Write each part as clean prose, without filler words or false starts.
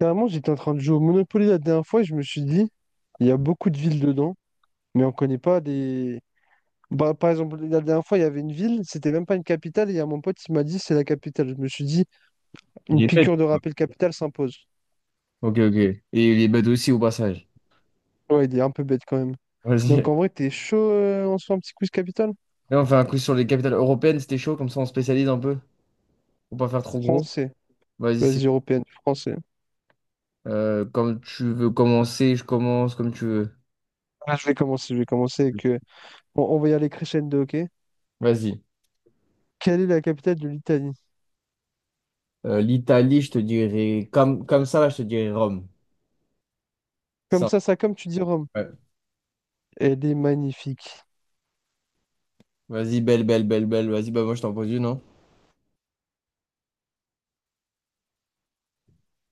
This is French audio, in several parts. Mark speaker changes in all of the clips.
Speaker 1: Carrément, j'étais en train de jouer au Monopoly la dernière fois et je me suis dit, il y a beaucoup de villes dedans, mais on connaît pas des... Bah, par exemple, la dernière fois, il y avait une ville, c'était même pas une capitale, et il y a mon pote qui m'a dit, c'est la capitale. Je me suis dit,
Speaker 2: Il
Speaker 1: une
Speaker 2: est bête.
Speaker 1: piqûre de rappel capitale s'impose.
Speaker 2: Ok, ok. Et il est bête aussi au passage.
Speaker 1: Ouais, il est un peu bête quand même.
Speaker 2: Vas-y.
Speaker 1: Donc en vrai, t'es chaud, on se fait un petit quiz capitale?
Speaker 2: Là, on fait un coup sur les capitales européennes, c'était chaud, comme ça on spécialise un peu. Faut pas faire trop gros.
Speaker 1: Français.
Speaker 2: Vas-y, c'est.
Speaker 1: Vas-y, européenne, français.
Speaker 2: Comme tu veux commencer, je commence comme tu veux.
Speaker 1: Ah, je vais commencer avec... on va y aller crescendo, ok?
Speaker 2: Vas-y.
Speaker 1: Quelle est la capitale de l'Italie?
Speaker 2: L'Italie, je te dirais. Comme ça, là, je te dirais Rome.
Speaker 1: Comme
Speaker 2: Ça.
Speaker 1: ça, comme tu dis Rome.
Speaker 2: Ouais.
Speaker 1: Elle est magnifique.
Speaker 2: Vas-y, belle, belle, belle, belle. Vas-y, bah moi je t'en pose une, hein.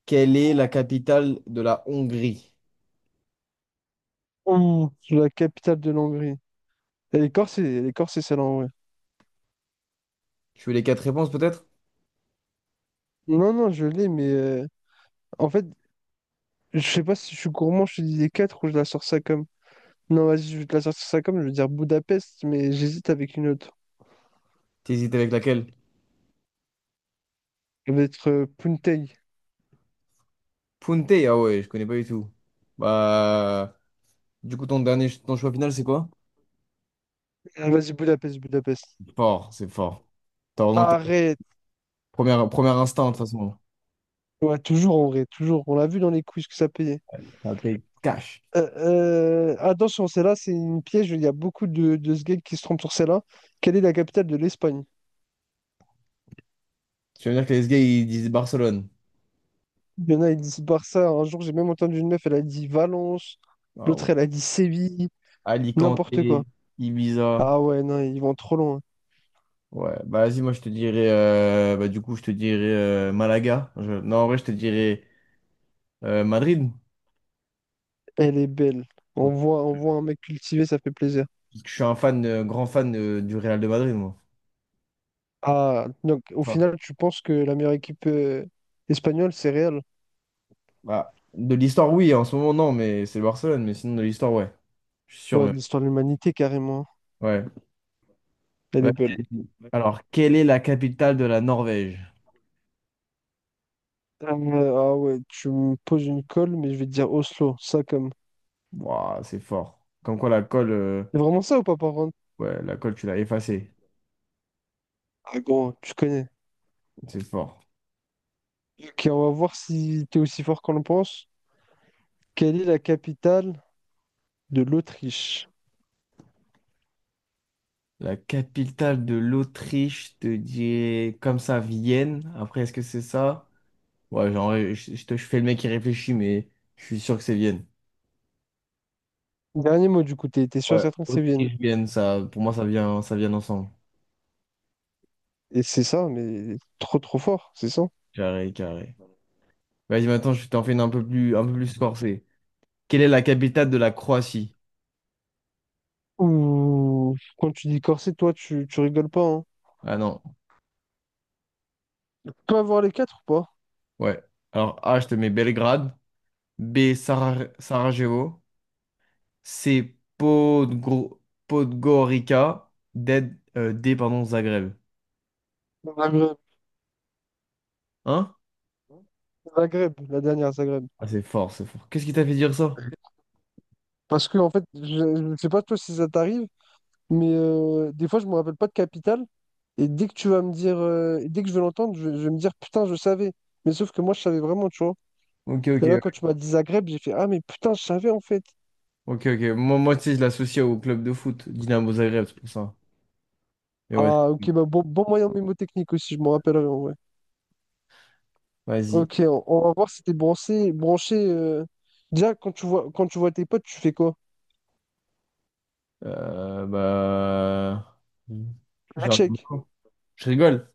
Speaker 2: Quelle est la capitale de la Hongrie?
Speaker 1: Ouh, la capitale de l'Hongrie. Les Corses, c'est celle-là, ouais.
Speaker 2: Tu veux les quatre réponses peut-être?
Speaker 1: Non, non, je l'ai, mais en fait, je sais pas si je suis gourmand, je te dis les quatre ou je la sors ça comme. Non, vas-y, je vais te la sortir ça comme, je veux dire Budapest, mais j'hésite avec une autre.
Speaker 2: T'hésites avec laquelle?
Speaker 1: Ça va être Puntei.
Speaker 2: Punta, ah ouais, je connais pas du tout. Bah. Du coup, ton dernier, ton choix final, c'est quoi?
Speaker 1: Ah, vas-y, Budapest, Budapest.
Speaker 2: Fort, c'est fort. T'as vraiment que t'as-
Speaker 1: Arrête!
Speaker 2: première, premier instinct, de toute façon.
Speaker 1: Ouais, toujours en vrai, toujours. On l'a vu dans les quiz que ça payait.
Speaker 2: Ça paye cash.
Speaker 1: Attention, celle-là, c'est une piège. Il y a beaucoup de ce gars qui se trompent sur celle-là. Quelle est la capitale de l'Espagne?
Speaker 2: Tu veux dire que les gars, ils disent Barcelone.
Speaker 1: Il y en a, ils disent Barça. Un jour, j'ai même entendu une meuf, elle a dit Valence.
Speaker 2: Ah ouais.
Speaker 1: L'autre, elle a dit Séville. N'importe quoi.
Speaker 2: Alicante, Ibiza.
Speaker 1: Ah ouais, non, ils vont trop loin.
Speaker 2: Ouais, bah vas-y, moi je te dirais, bah, du coup, je te dirais Malaga. Je- Non, en vrai, je te dirais Madrid.
Speaker 1: Elle est belle.
Speaker 2: Ok.
Speaker 1: On voit un mec cultivé, ça fait plaisir.
Speaker 2: Parce que je suis un fan, grand fan du Real de Madrid, moi.
Speaker 1: Ah, donc au
Speaker 2: Ça.
Speaker 1: final, tu penses que la meilleure équipe espagnole, c'est Real?
Speaker 2: Bah, de l'histoire, oui, en ce moment, non, mais c'est le Barcelone, mais sinon de l'histoire, ouais. Je suis sûr
Speaker 1: Ouais,
Speaker 2: même.
Speaker 1: l'histoire de l'humanité, carrément.
Speaker 2: Ouais.
Speaker 1: Elle
Speaker 2: Ouais.
Speaker 1: est belle.
Speaker 2: Alors, quelle est la capitale de la Norvège?
Speaker 1: Euh, ah ouais, tu me poses une colle, mais je vais te dire Oslo, ça comme.
Speaker 2: Waouh, c'est fort. Comme quoi la colle,
Speaker 1: C'est vraiment ça ou pas, par contre?
Speaker 2: ouais, la colle, tu l'as effacée.
Speaker 1: Ah gros, tu connais.
Speaker 2: C'est fort.
Speaker 1: Ok, on va voir si t'es aussi fort qu'on le pense. Quelle est la capitale de l'Autriche?
Speaker 2: La capitale de l'Autriche, je te dis comme ça, Vienne. Après, est-ce que c'est ça? Ouais, genre, ouais, je fais le mec qui réfléchit, mais je suis sûr que c'est Vienne.
Speaker 1: Dernier mot du coup, t'es sûr et
Speaker 2: Ouais,
Speaker 1: certain que c'est Vienne.
Speaker 2: Autriche, Vienne, ça, pour moi, ça vient ensemble.
Speaker 1: Et c'est ça, mais trop trop fort, c'est ça.
Speaker 2: Carré, carré. Vas-y, maintenant, je t'en fais une un peu plus corsée. Quelle est la capitale de la Croatie?
Speaker 1: Ouh, quand tu dis corset, toi, tu rigoles pas, hein.
Speaker 2: Ah non,
Speaker 1: Tu peux avoir les quatre ou pas?
Speaker 2: ouais. Alors, A, je te mets Belgrade. B, Sarajevo. C'est Podgorica D, pardon, Zagreb.
Speaker 1: Zagreb,
Speaker 2: Hein?
Speaker 1: Zagreb, la dernière Zagreb.
Speaker 2: Ah, c'est fort, c'est fort. Qu'est-ce qui t'a fait dire ça?
Speaker 1: Parce que, en fait, je ne sais pas toi si ça t'arrive, mais des fois, je me rappelle pas de capitale. Et dès que tu vas me dire, dès que je vais l'entendre, je vais me dire, putain, je savais. Mais sauf que moi, je savais vraiment, tu vois.
Speaker 2: Ok, ok,
Speaker 1: Et là,
Speaker 2: ouais.
Speaker 1: quand tu m'as dit Zagreb, j'ai fait, ah, mais putain, je savais, en fait.
Speaker 2: Ok, ok. Moi, moi, tu sais, je l'associe au club de foot, Dynamo Zagreb, c'est pour ça. Mais ouais,
Speaker 1: Ah, ok, bah, bon moyen mnémotechnique aussi, je m'en rappellerai, en vrai.
Speaker 2: vas-y.
Speaker 1: Ok, on va voir si t'es branché, branché. Déjà, quand tu vois tes potes, tu fais quoi?
Speaker 2: Euh, bah...
Speaker 1: La
Speaker 2: Je
Speaker 1: Tchèque.
Speaker 2: rigole. Je rigole.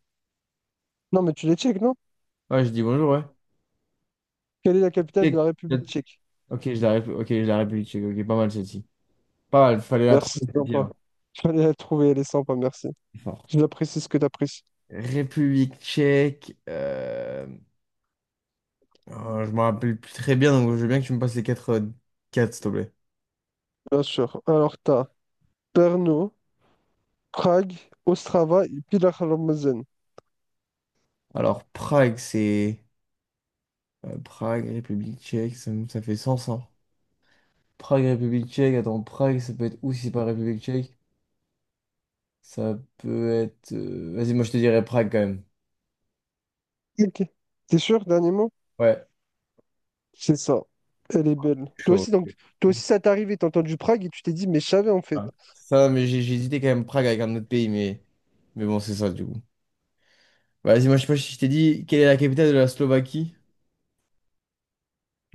Speaker 1: Non, mais tu les Tchèques, non?
Speaker 2: Ouais, je dis bonjour, ouais.
Speaker 1: Quelle est la capitale de
Speaker 2: Check.
Speaker 1: la République tchèque?
Speaker 2: Ok, je la réplique. Ok, je la République tchèque. Ok, pas mal celle-ci. Pas mal, fallait la
Speaker 1: Merci,
Speaker 2: trouver.
Speaker 1: c'est
Speaker 2: Celle-ci,
Speaker 1: sympa.
Speaker 2: là.
Speaker 1: Fallait la trouver, elle est sympa, merci.
Speaker 2: C'est fort.
Speaker 1: J'apprécie ce que tu apprécies.
Speaker 2: République tchèque. Je me rappelle plus très bien, donc je veux bien que tu me passes les quatre, quatre, s'il te plaît.
Speaker 1: Bien sûr. Alors, t'as Brno, Prague, Ostrava et Pillarmazen.
Speaker 2: Alors, Prague, c'est Prague, République tchèque, ça fait sens, hein. Prague, République tchèque, attends, Prague, ça peut être où si c'est pas République tchèque? Ça peut être. Vas-y, moi je te dirais Prague quand même.
Speaker 1: Ok. T'es sûr, dernier mot?
Speaker 2: Ouais,
Speaker 1: C'est ça. Elle est belle. Toi
Speaker 2: chaud.
Speaker 1: aussi, donc,
Speaker 2: J'ai-
Speaker 1: toi aussi, ça t'est arrivé. T'as entendu Prague et tu t'es dit, mais je savais en fait.
Speaker 2: ah. Ça, mais j'ai hésité quand même Prague avec un autre pays, mais bon, c'est ça du coup. Bah, vas-y, moi je sais pas si je t'ai dit quelle est la capitale de la Slovaquie.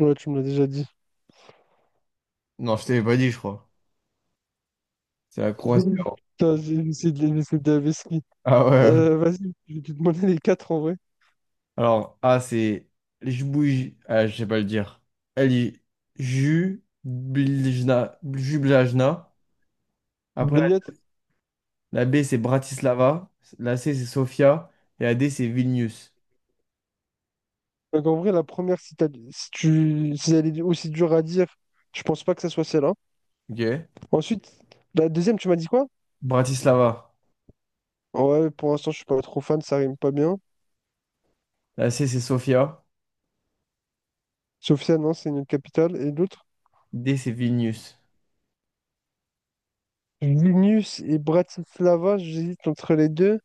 Speaker 1: Ouais, tu me l'as déjà dit.
Speaker 2: Non, je t'avais pas dit, je crois. C'est la Croatie.
Speaker 1: Putain, j'ai essayé de les laisser de la vesquille.
Speaker 2: Ah ouais.
Speaker 1: Vas-y, je vais te demander les quatre en vrai.
Speaker 2: Alors, A, c'est Ah, je sais pas le dire. Elle est Jubljna. Jubljana. Après,
Speaker 1: Bliette,
Speaker 2: la B, c'est Bratislava. La C, c'est Sofia. Et la D, c'est Vilnius.
Speaker 1: donc en vrai, la première, si, si tu, si elle est aussi dure à dire, je pense pas que ça soit celle-là.
Speaker 2: OK?
Speaker 1: Ensuite, la deuxième, tu m'as dit quoi?
Speaker 2: Bratislava.
Speaker 1: Ouais, pour l'instant, je suis pas trop fan, ça rime pas bien.
Speaker 2: La C, c'est Sofia.
Speaker 1: Sofia, non, c'est une autre capitale. Et l'autre,
Speaker 2: D, c'est Vilnius.
Speaker 1: Vilnius et Bratislava, j'hésite entre les deux.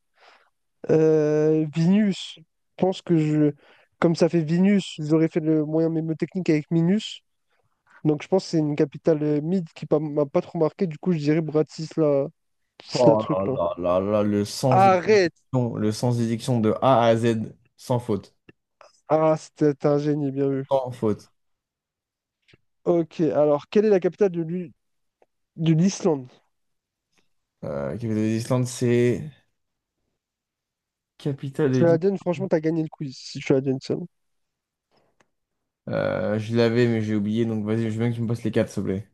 Speaker 1: Vilnius, je pense que je, comme ça fait Vilnius, j'aurais fait le moyen mnémotechnique avec Minus. Donc je pense que c'est une capitale mid qui pas- m'a pas trop marqué. Du coup, je dirais Bratislava, ce
Speaker 2: Oh là
Speaker 1: truc là.
Speaker 2: là là là, le sens des
Speaker 1: Arrête!
Speaker 2: dictions, le sens des dictions de A à Z, sans faute.
Speaker 1: Ah, c'était un génie, bien vu.
Speaker 2: Sans faute.
Speaker 1: Ok, alors, quelle est la capitale de l'Islande?
Speaker 2: Capitale de l'Islande, c'est... Capitale de
Speaker 1: Tu la donnes,
Speaker 2: l'Islande.
Speaker 1: franchement, t'as gagné le quiz, si tu la donnes ça.
Speaker 2: Je l'avais, mais j'ai oublié, donc vas-y, je veux bien que tu me passes les quatre, s'il te plaît.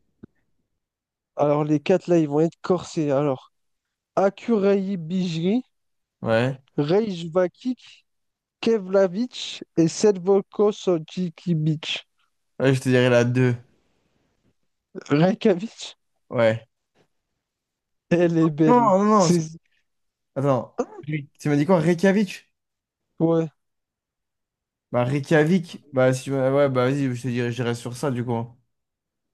Speaker 1: Alors, les quatre, là, ils vont être corsés. Alors, Akureyri,
Speaker 2: Ouais.
Speaker 1: Reykjavik, Keflavik et Selvokosotikivik.
Speaker 2: Ouais, je te dirais la deux.
Speaker 1: Reykjavik,
Speaker 2: Ouais.
Speaker 1: elle est belle.
Speaker 2: Non, non, non. C'est-
Speaker 1: C'est...
Speaker 2: Attends. Oui. Tu m'as dit quoi? Reykjavik?
Speaker 1: Ouais.
Speaker 2: Bah, Reykjavik. Bah, si... ouais, bah, vas-y, je te dirais, je dirais sur ça, du coup.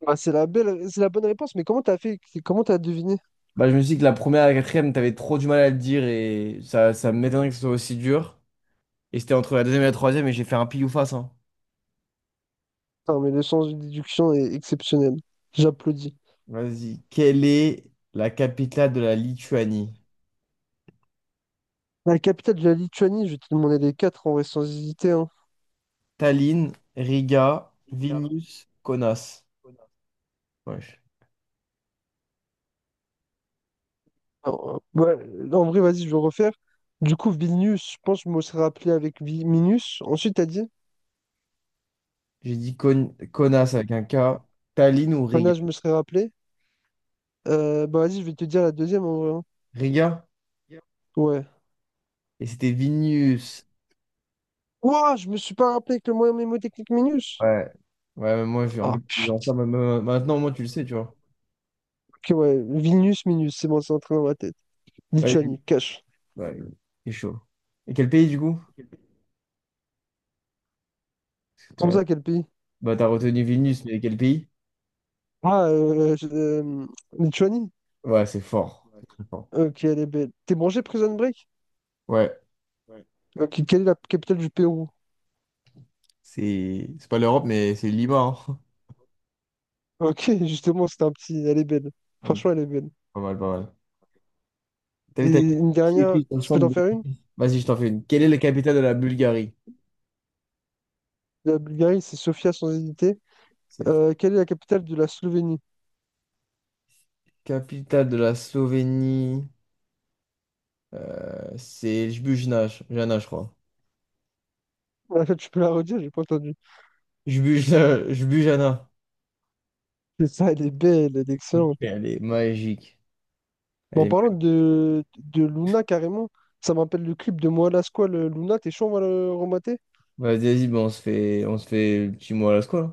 Speaker 1: Ah, c'est la belle, c'est la bonne réponse, mais comment t'as fait, comment t'as deviné?
Speaker 2: Bah, je me suis dit que la première et la quatrième, t'avais trop du mal à le dire et ça m'étonnerait que ce soit aussi dur. Et c'était entre la deuxième et la troisième et j'ai fait un pile ou face, hein.
Speaker 1: Non, mais le sens de déduction est exceptionnel. J'applaudis.
Speaker 2: Vas-y. Quelle est la capitale de la Lituanie?
Speaker 1: La capitale de la Lituanie, je vais te demander les quatre en vrai sans hésiter, hein.
Speaker 2: Tallinn, Riga, Vilnius, Kaunas. Ouais.
Speaker 1: Alors, ouais, là, en vrai, vas-y, je vais refaire. Du coup, Vilnius, je pense que je me serais rappelé avec Minus. Ensuite, t'as dit,
Speaker 2: J'ai dit Konas avec un K. Tallinn ou Riga?
Speaker 1: Anna, je me serais rappelé. Bah vas-y, je vais te dire la deuxième en vrai, hein.
Speaker 2: Riga?
Speaker 1: Ouais.
Speaker 2: Et c'était Vilnius.
Speaker 1: Ouah, je me suis pas rappelé avec le moyen mnémotechnique Minus.
Speaker 2: Ouais. Ouais, mais moi, je, en fait,
Speaker 1: Ah,
Speaker 2: en disant ça, maintenant, moi, tu le sais, tu vois.
Speaker 1: ok, ouais. Vilnius, Minus, c'est bon, c'est entré dans ma tête.
Speaker 2: Ouais, j'ai-
Speaker 1: Lituanie, cash.
Speaker 2: ouais, c'est chaud. Et quel pays, du coup? Parce que
Speaker 1: Comme
Speaker 2: t'as
Speaker 1: ça, quel pays?
Speaker 2: bah, t'as retenu Vilnius, mais quel pays?
Speaker 1: Ah, Lituanie?
Speaker 2: Ouais, c'est fort. C'est très fort.
Speaker 1: Ok, elle est belle. T'es branché Prison Break?
Speaker 2: Ouais,
Speaker 1: Ok, quelle est la capitale du Pérou?
Speaker 2: c'est pas l'Europe, mais c'est Lima, hein.
Speaker 1: Ok, justement, c'était un petit. Elle est belle.
Speaker 2: Ouais, ok.
Speaker 1: Franchement, elle est belle.
Speaker 2: Pas mal, pas mal. T'as
Speaker 1: Et
Speaker 2: vu, t'as
Speaker 1: une
Speaker 2: qui
Speaker 1: dernière,
Speaker 2: est dans le
Speaker 1: je peux
Speaker 2: centre
Speaker 1: t'en
Speaker 2: de-
Speaker 1: faire une?
Speaker 2: Vas-y, je t'en fais une. Quelle est la capitale de la Bulgarie?
Speaker 1: La Bulgarie, c'est Sofia sans hésiter.
Speaker 2: C'est
Speaker 1: Quelle est la capitale de la Slovénie?
Speaker 2: capitale de la Slovénie. C'est Jbujna, Jana, je crois.
Speaker 1: En fait, tu peux la redire, j'ai pas entendu.
Speaker 2: Jbujna, Jbujana.
Speaker 1: C'est ça, elle est belle, elle est
Speaker 2: Ok.
Speaker 1: excellente.
Speaker 2: Elle est magique.
Speaker 1: Bon,
Speaker 2: Elle
Speaker 1: en
Speaker 2: est...
Speaker 1: parlant de Luna, carrément, ça me rappelle le clip de Moi Lasquale, Luna, t'es chaud, on va le remater?
Speaker 2: Vas-y, vas-y, ben, on se fait le petit mot à la squale.